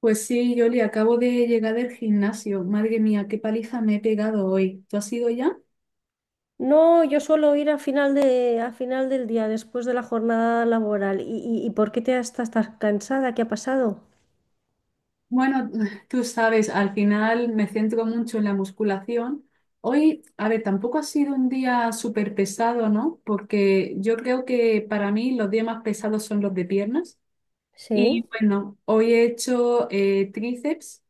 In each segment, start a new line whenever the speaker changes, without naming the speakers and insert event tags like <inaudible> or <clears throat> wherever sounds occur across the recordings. Pues sí, Yoli, acabo de llegar del gimnasio. Madre mía, qué paliza me he pegado hoy. ¿Tú has ido ya?
No, yo suelo ir a final del día, después de la jornada laboral. ¿Y por qué te estás tan cansada? ¿Qué ha pasado?
Bueno, <laughs> tú sabes, al final me centro mucho en la musculación. Hoy, a ver, tampoco ha sido un día súper pesado, ¿no? Porque yo creo que para mí los días más pesados son los de piernas.
Sí,
Y bueno, hoy he hecho tríceps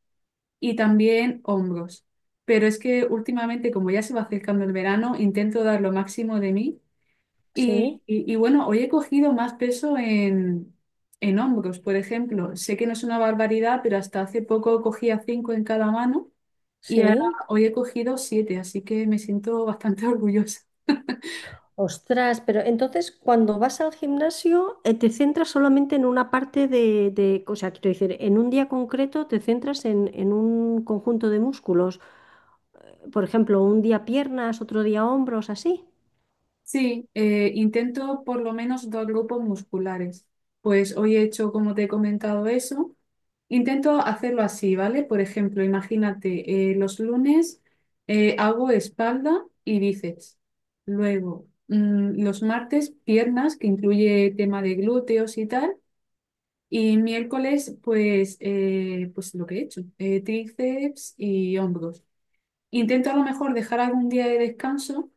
y también hombros. Pero es que últimamente, como ya se va acercando el verano, intento dar lo máximo de mí. Y,
sí,
bueno, hoy he cogido más peso en hombros, por ejemplo. Sé que no es una barbaridad, pero hasta hace poco cogía cinco en cada mano y ahora
sí.
hoy he cogido siete, así que me siento bastante <laughs> orgullosa.
Ostras, pero entonces cuando vas al gimnasio, te centras solamente en una parte o sea, quiero decir, en un día concreto te centras en un conjunto de músculos. Por ejemplo, un día piernas, otro día hombros, así.
Sí, intento por lo menos dos grupos musculares. Pues hoy he hecho, como te he comentado, eso. Intento hacerlo así, ¿vale? Por ejemplo, imagínate, los lunes hago espalda y bíceps. Luego, los martes, piernas, que incluye tema de glúteos y tal. Y miércoles, pues, pues lo que he hecho, tríceps y hombros. Intento a lo mejor dejar algún día de descanso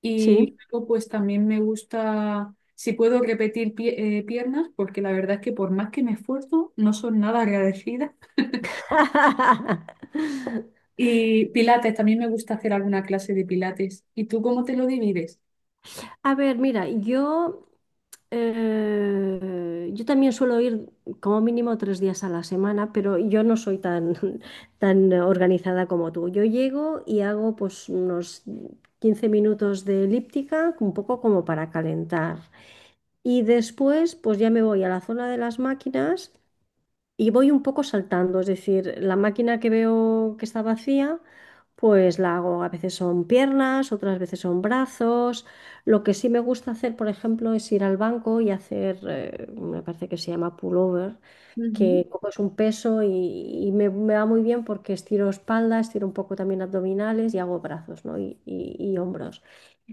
y
Sí.
luego pues también me gusta, si puedo repetir piernas, porque la verdad es que por más que me esfuerzo, no son nada agradecidas.
<laughs>
Y pilates, también me gusta hacer alguna clase de pilates. ¿Y tú cómo te lo divides?
A ver, mira, yo, yo también suelo ir como mínimo 3 días a la semana, pero yo no soy tan, <laughs> tan organizada como tú. Yo llego y hago pues unos 15 minutos de elíptica, un poco como para calentar. Y después pues ya me voy a la zona de las máquinas y voy un poco saltando, es decir, la máquina que veo que está vacía, pues la hago. A veces son piernas, otras veces son brazos. Lo que sí me gusta hacer, por ejemplo, es ir al banco y hacer, me parece que se llama pullover,
Ujú.
que coges un peso y, me va muy bien porque estiro espalda, estiro un poco también abdominales y hago brazos, ¿no?, y hombros.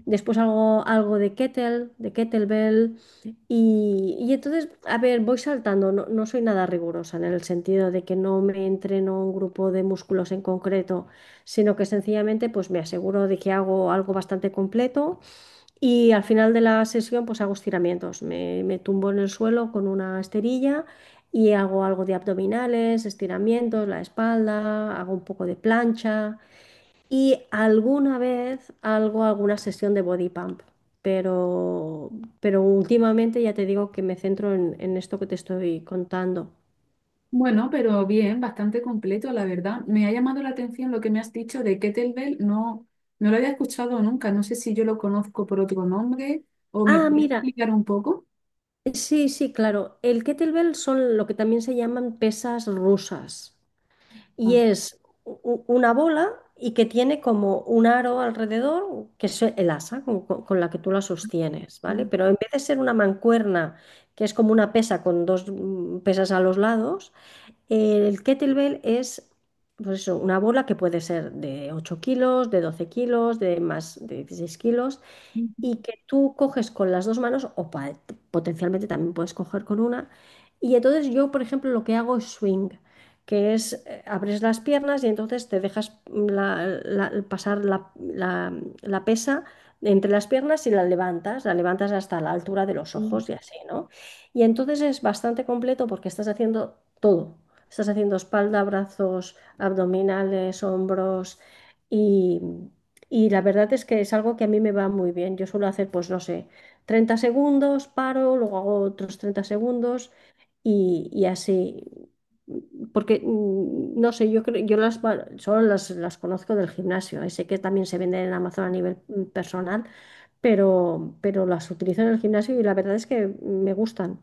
Después hago algo de kettlebell. Y entonces, a ver, voy saltando. No, no soy nada rigurosa en el sentido de que no me entreno un grupo de músculos en concreto, sino que sencillamente pues me aseguro de que hago algo bastante completo y al final de la sesión pues hago estiramientos. Me tumbo en el suelo con una esterilla y hago algo de abdominales, estiramientos, la espalda, hago un poco de plancha. Y alguna vez algo, alguna sesión de body pump, pero, últimamente ya te digo que me centro en esto que te estoy contando.
Bueno, pero bien, bastante completo, la verdad. Me ha llamado la atención lo que me has dicho de kettlebell. No, no lo había escuchado nunca. No sé si yo lo conozco por otro nombre o me
Ah,
puedes
mira,
explicar un poco.
sí, sí, claro. El kettlebell son lo que también se llaman pesas rusas.
Ah,
Y es una bola y que tiene como un aro alrededor, que es el asa con la que tú la sostienes, ¿vale?
sí.
Pero en vez de ser una mancuerna, que es como una pesa con dos pesas a los lados. El kettlebell es, pues eso, una bola que puede ser de 8 kilos, de 12 kilos, de más de 16 kilos y que tú coges con las dos manos o potencialmente también puedes coger con una. Y entonces yo, por ejemplo, lo que hago es swing, que es abres las piernas y entonces te dejas pasar la pesa entre las piernas y la levantas hasta la altura de los
Ujú.
ojos y así, ¿no? Y entonces es bastante completo porque estás haciendo todo. Estás haciendo espalda, brazos, abdominales, hombros, y y la verdad es que es algo que a mí me va muy bien. Yo suelo hacer, pues no sé, 30 segundos, paro, luego hago otros 30 segundos y, así. Porque, no sé, yo creo, yo solo las conozco del gimnasio. Sé que también se venden en Amazon a nivel personal, pero, las utilizo en el gimnasio y la verdad es que me gustan.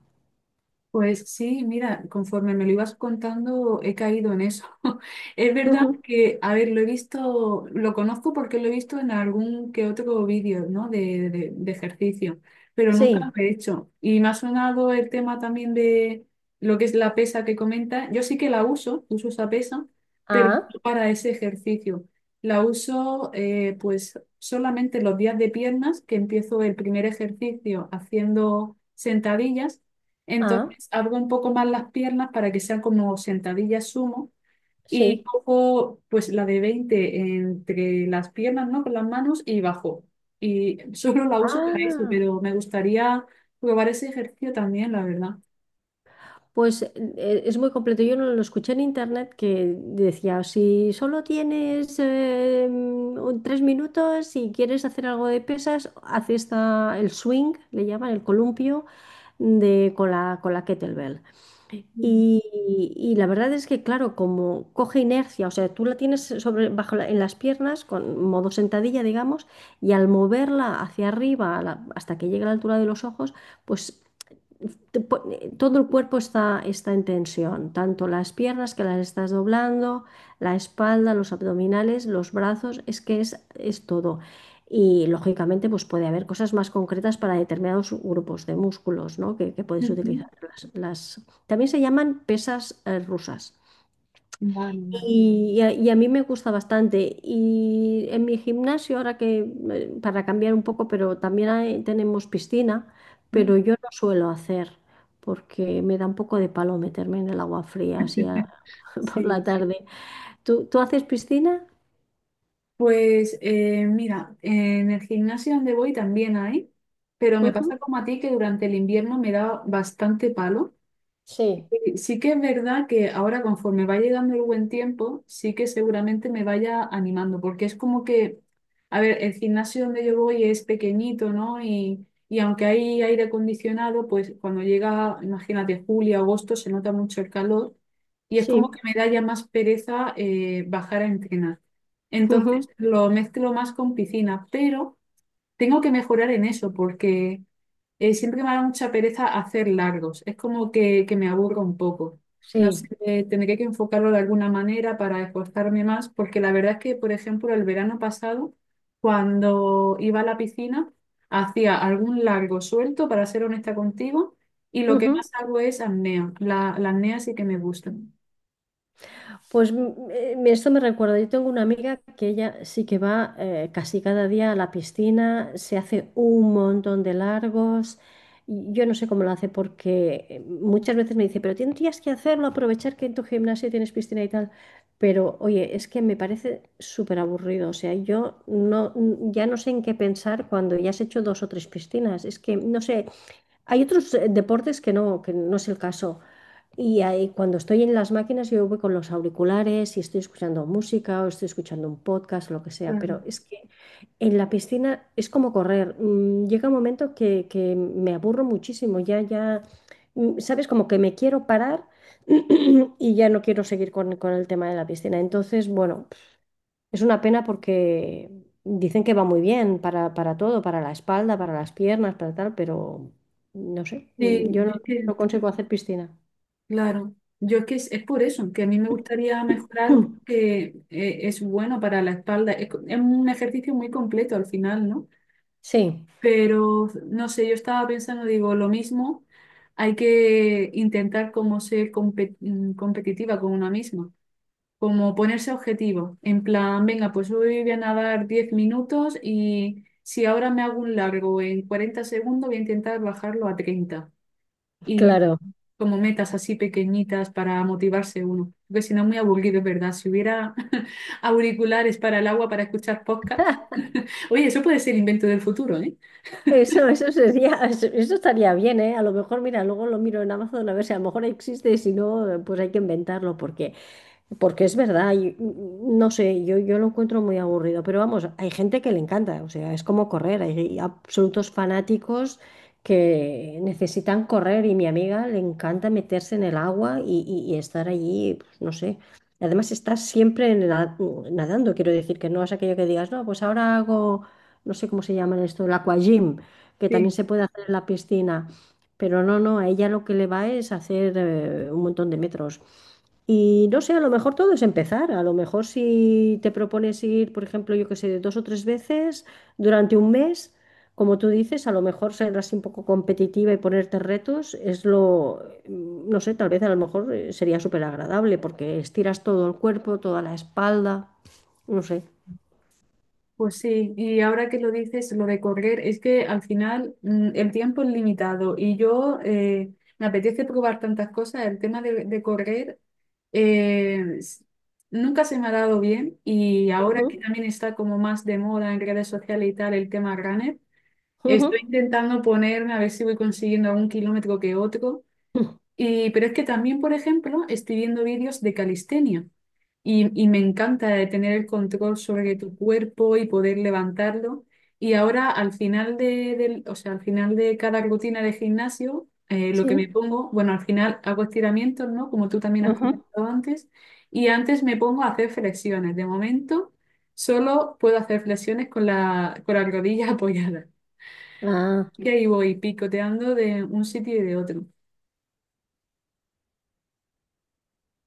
Pues sí, mira, conforme me lo ibas contando, he caído en eso. <laughs> Es verdad
Ujú.
que, a ver, lo he visto, lo conozco porque lo he visto en algún que otro vídeo, ¿no? De, de ejercicio, pero nunca lo
Sí.
he hecho. Y me ha sonado el tema también de lo que es la pesa que comenta. Yo sí que la uso, uso esa pesa, pero
Ah,
no para ese ejercicio. La uso, pues, solamente los días de piernas, que empiezo el primer ejercicio haciendo sentadillas.
ah,
Entonces, abro un poco más las piernas para que sean como sentadillas sumo y
sí.
cojo pues la de 20 entre las piernas, ¿no? Con las manos y bajo. Y solo la uso para eso,
Ah.
pero me gustaría probar ese ejercicio también, la verdad.
Pues es muy completo. Yo no lo escuché en internet que decía, si solo tienes 3 minutos y quieres hacer algo de pesas, haz esta, el swing, le llaman el columpio, con la kettlebell.
Mm.
Y, y la verdad es que, claro, como coge inercia, o sea, tú la tienes sobre, bajo en las piernas, con modo sentadilla, digamos, y al moverla hacia arriba, hasta que llegue a la altura de los ojos, pues todo el cuerpo está, en tensión, tanto las piernas que las estás doblando, la espalda, los abdominales, los brazos, es que es todo. Y lógicamente pues puede haber cosas más concretas para determinados grupos de músculos, ¿no?, que puedes
Ujú.
utilizar. También se llaman pesas rusas.
Vale, vale.
Y a mí me gusta bastante. Y en mi gimnasio, ahora que, para cambiar un poco, pero también tenemos piscina,
<laughs> Mm.
pero yo no suelo hacer porque me da un poco de palo meterme en el agua fría así <laughs> por la
Sí,
tarde. ¿Tú haces piscina?
pues mira, en el gimnasio donde voy también hay, pero me
Ujú.
pasa como a ti que durante el invierno me da bastante palo.
Sí,
Sí, sí que es verdad que ahora conforme va llegando el buen tiempo, sí que seguramente me vaya animando, porque es como que, a ver, el gimnasio donde yo voy es pequeñito, ¿no? Y aunque hay aire acondicionado, pues cuando llega, imagínate, julio, agosto, se nota mucho el calor y es como que
sí,
me da ya más pereza bajar a entrenar.
<laughs>
Entonces
ujú,
lo mezclo más con piscina, pero... Tengo que mejorar en eso porque siempre me da mucha pereza hacer largos. Es como que me aburro un poco. No sé,
sí.
tendré que enfocarlo de alguna manera para esforzarme más porque la verdad es que, por ejemplo, el verano pasado, cuando iba a la piscina, hacía algún largo suelto, para ser honesta contigo, y lo que
Ujú.
más hago es apnea. La apnea sí que me gusta.
Pues esto me recuerda, yo tengo una amiga que ella sí que va casi cada día a la piscina, se hace un montón de largos. Y yo no sé cómo lo hace porque muchas veces me dice, pero tendrías que hacerlo, aprovechar que en tu gimnasio tienes piscina y tal. Pero oye, es que me parece súper aburrido. O sea, yo no, ya no sé en qué pensar cuando ya has hecho dos o tres piscinas. Es que, no sé, hay otros deportes que no es el caso. Y ahí, cuando estoy en las máquinas, yo voy con los auriculares y estoy escuchando música o estoy escuchando un podcast o lo que sea,
Claro.
pero es que en la piscina es como correr. Llega un momento que me aburro muchísimo, ya, ya, sabes, como que me quiero parar <clears throat> y ya no quiero seguir con el tema de la piscina. Entonces, bueno, es una pena porque dicen que va muy bien para todo, para la espalda, para las piernas, para tal, pero no sé,
Sí,
yo no
yo es que...
no consigo hacer piscina.
Claro, yo es que es por eso, que a mí me gustaría mejorar
<clears throat>
porque es bueno para la espalda, es, es un ejercicio muy completo al final, ¿no?
Sí,
Pero no sé, yo estaba pensando, digo, lo mismo, hay que intentar como ser competitiva con una misma, como ponerse objetivos, en plan, venga, pues hoy voy a nadar 10 minutos y si ahora me hago un largo en 40 segundos, voy a intentar bajarlo a 30,
claro.
como metas así pequeñitas para motivarse uno, porque si no es muy aburrido, es verdad. Si hubiera <laughs> auriculares para el agua para escuchar podcast, <laughs> oye, eso puede ser invento del futuro, ¿eh?
Eso sería, <laughs> eso estaría bien, ¿eh? A lo mejor, mira, luego lo miro en Amazon a ver si a lo mejor existe, y si no, pues hay que inventarlo. Porque es verdad, no sé, yo lo encuentro muy aburrido, pero vamos, hay gente que le encanta, o sea, es como correr, hay absolutos fanáticos que necesitan correr y mi amiga le encanta meterse en el agua y, y estar allí, pues, no sé. Además, estás siempre nadando, quiero decir, que no es aquello que digas, no, pues ahora hago, no sé cómo se llaman esto, el aquagym, que también
Sí,
se puede hacer en la piscina, pero no, no, a ella lo que le va es hacer un montón de metros. Y no sé, a lo mejor todo es empezar. A lo mejor si te propones ir, por ejemplo, yo qué sé, dos o tres veces durante un mes, como tú dices, a lo mejor ser así un poco competitiva y ponerte retos es lo, no sé, tal vez a lo mejor sería súper agradable porque estiras todo el cuerpo, toda la espalda, no sé.
pues sí. Y ahora que lo dices, lo de correr, es que al final el tiempo es limitado y yo me apetece probar tantas cosas. El tema de correr eh, s- nunca se me ha dado bien y ahora que también está como más de moda en redes sociales y tal el tema runner.
Ujú,
Estoy intentando ponerme a ver si voy consiguiendo algún kilómetro que otro.
ujú.
Y, pero es que también, por ejemplo, estoy viendo vídeos de calistenia y me encanta de tener el control sobre tu cuerpo y poder levantarlo. Y ahora al final de, o sea, al final de cada rutina de gimnasio, lo que
Sí.
me pongo, bueno, al final hago estiramientos, ¿no? Como tú también has
Ujú.
comentado antes. Y antes me pongo a hacer flexiones. De momento, solo puedo hacer flexiones con la rodilla <laughs> apoyada.
Ah,
Y ahí voy picoteando de un sitio y de otro.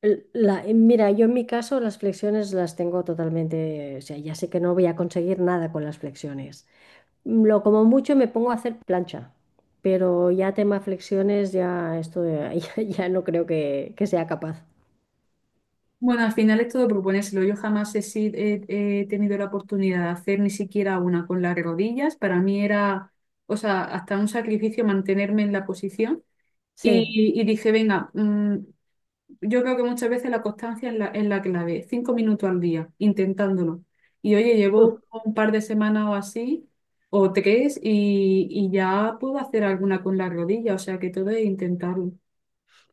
mira, yo en mi caso las flexiones las tengo totalmente, o sea, ya sé que no voy a conseguir nada con las flexiones. Lo como mucho me pongo a hacer plancha, pero ya tema flexiones, ya esto ya, <laughs> ya no creo que sea capaz.
Bueno, al final es todo proponérselo. Yo jamás he, he tenido la oportunidad de hacer ni siquiera una con las rodillas. Para mí era, o sea, hasta un sacrificio mantenerme en la posición.
Sí.
Y dije, venga, yo creo que muchas veces la constancia es la clave. 5 minutos al día, intentándolo. Y oye,
Mm.
llevo un par de semanas o así, o tres, y ya puedo hacer alguna con la rodilla. O sea, que todo es intentarlo.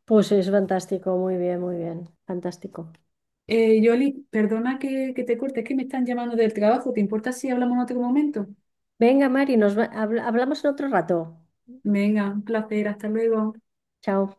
Pues es fantástico, muy bien, fantástico.
Yoli, perdona que te corte, es que me están llamando del trabajo. ¿Te importa si hablamos en otro momento?
Venga, Mari, hablamos en otro rato.
Venga, un placer, hasta luego.
Chao.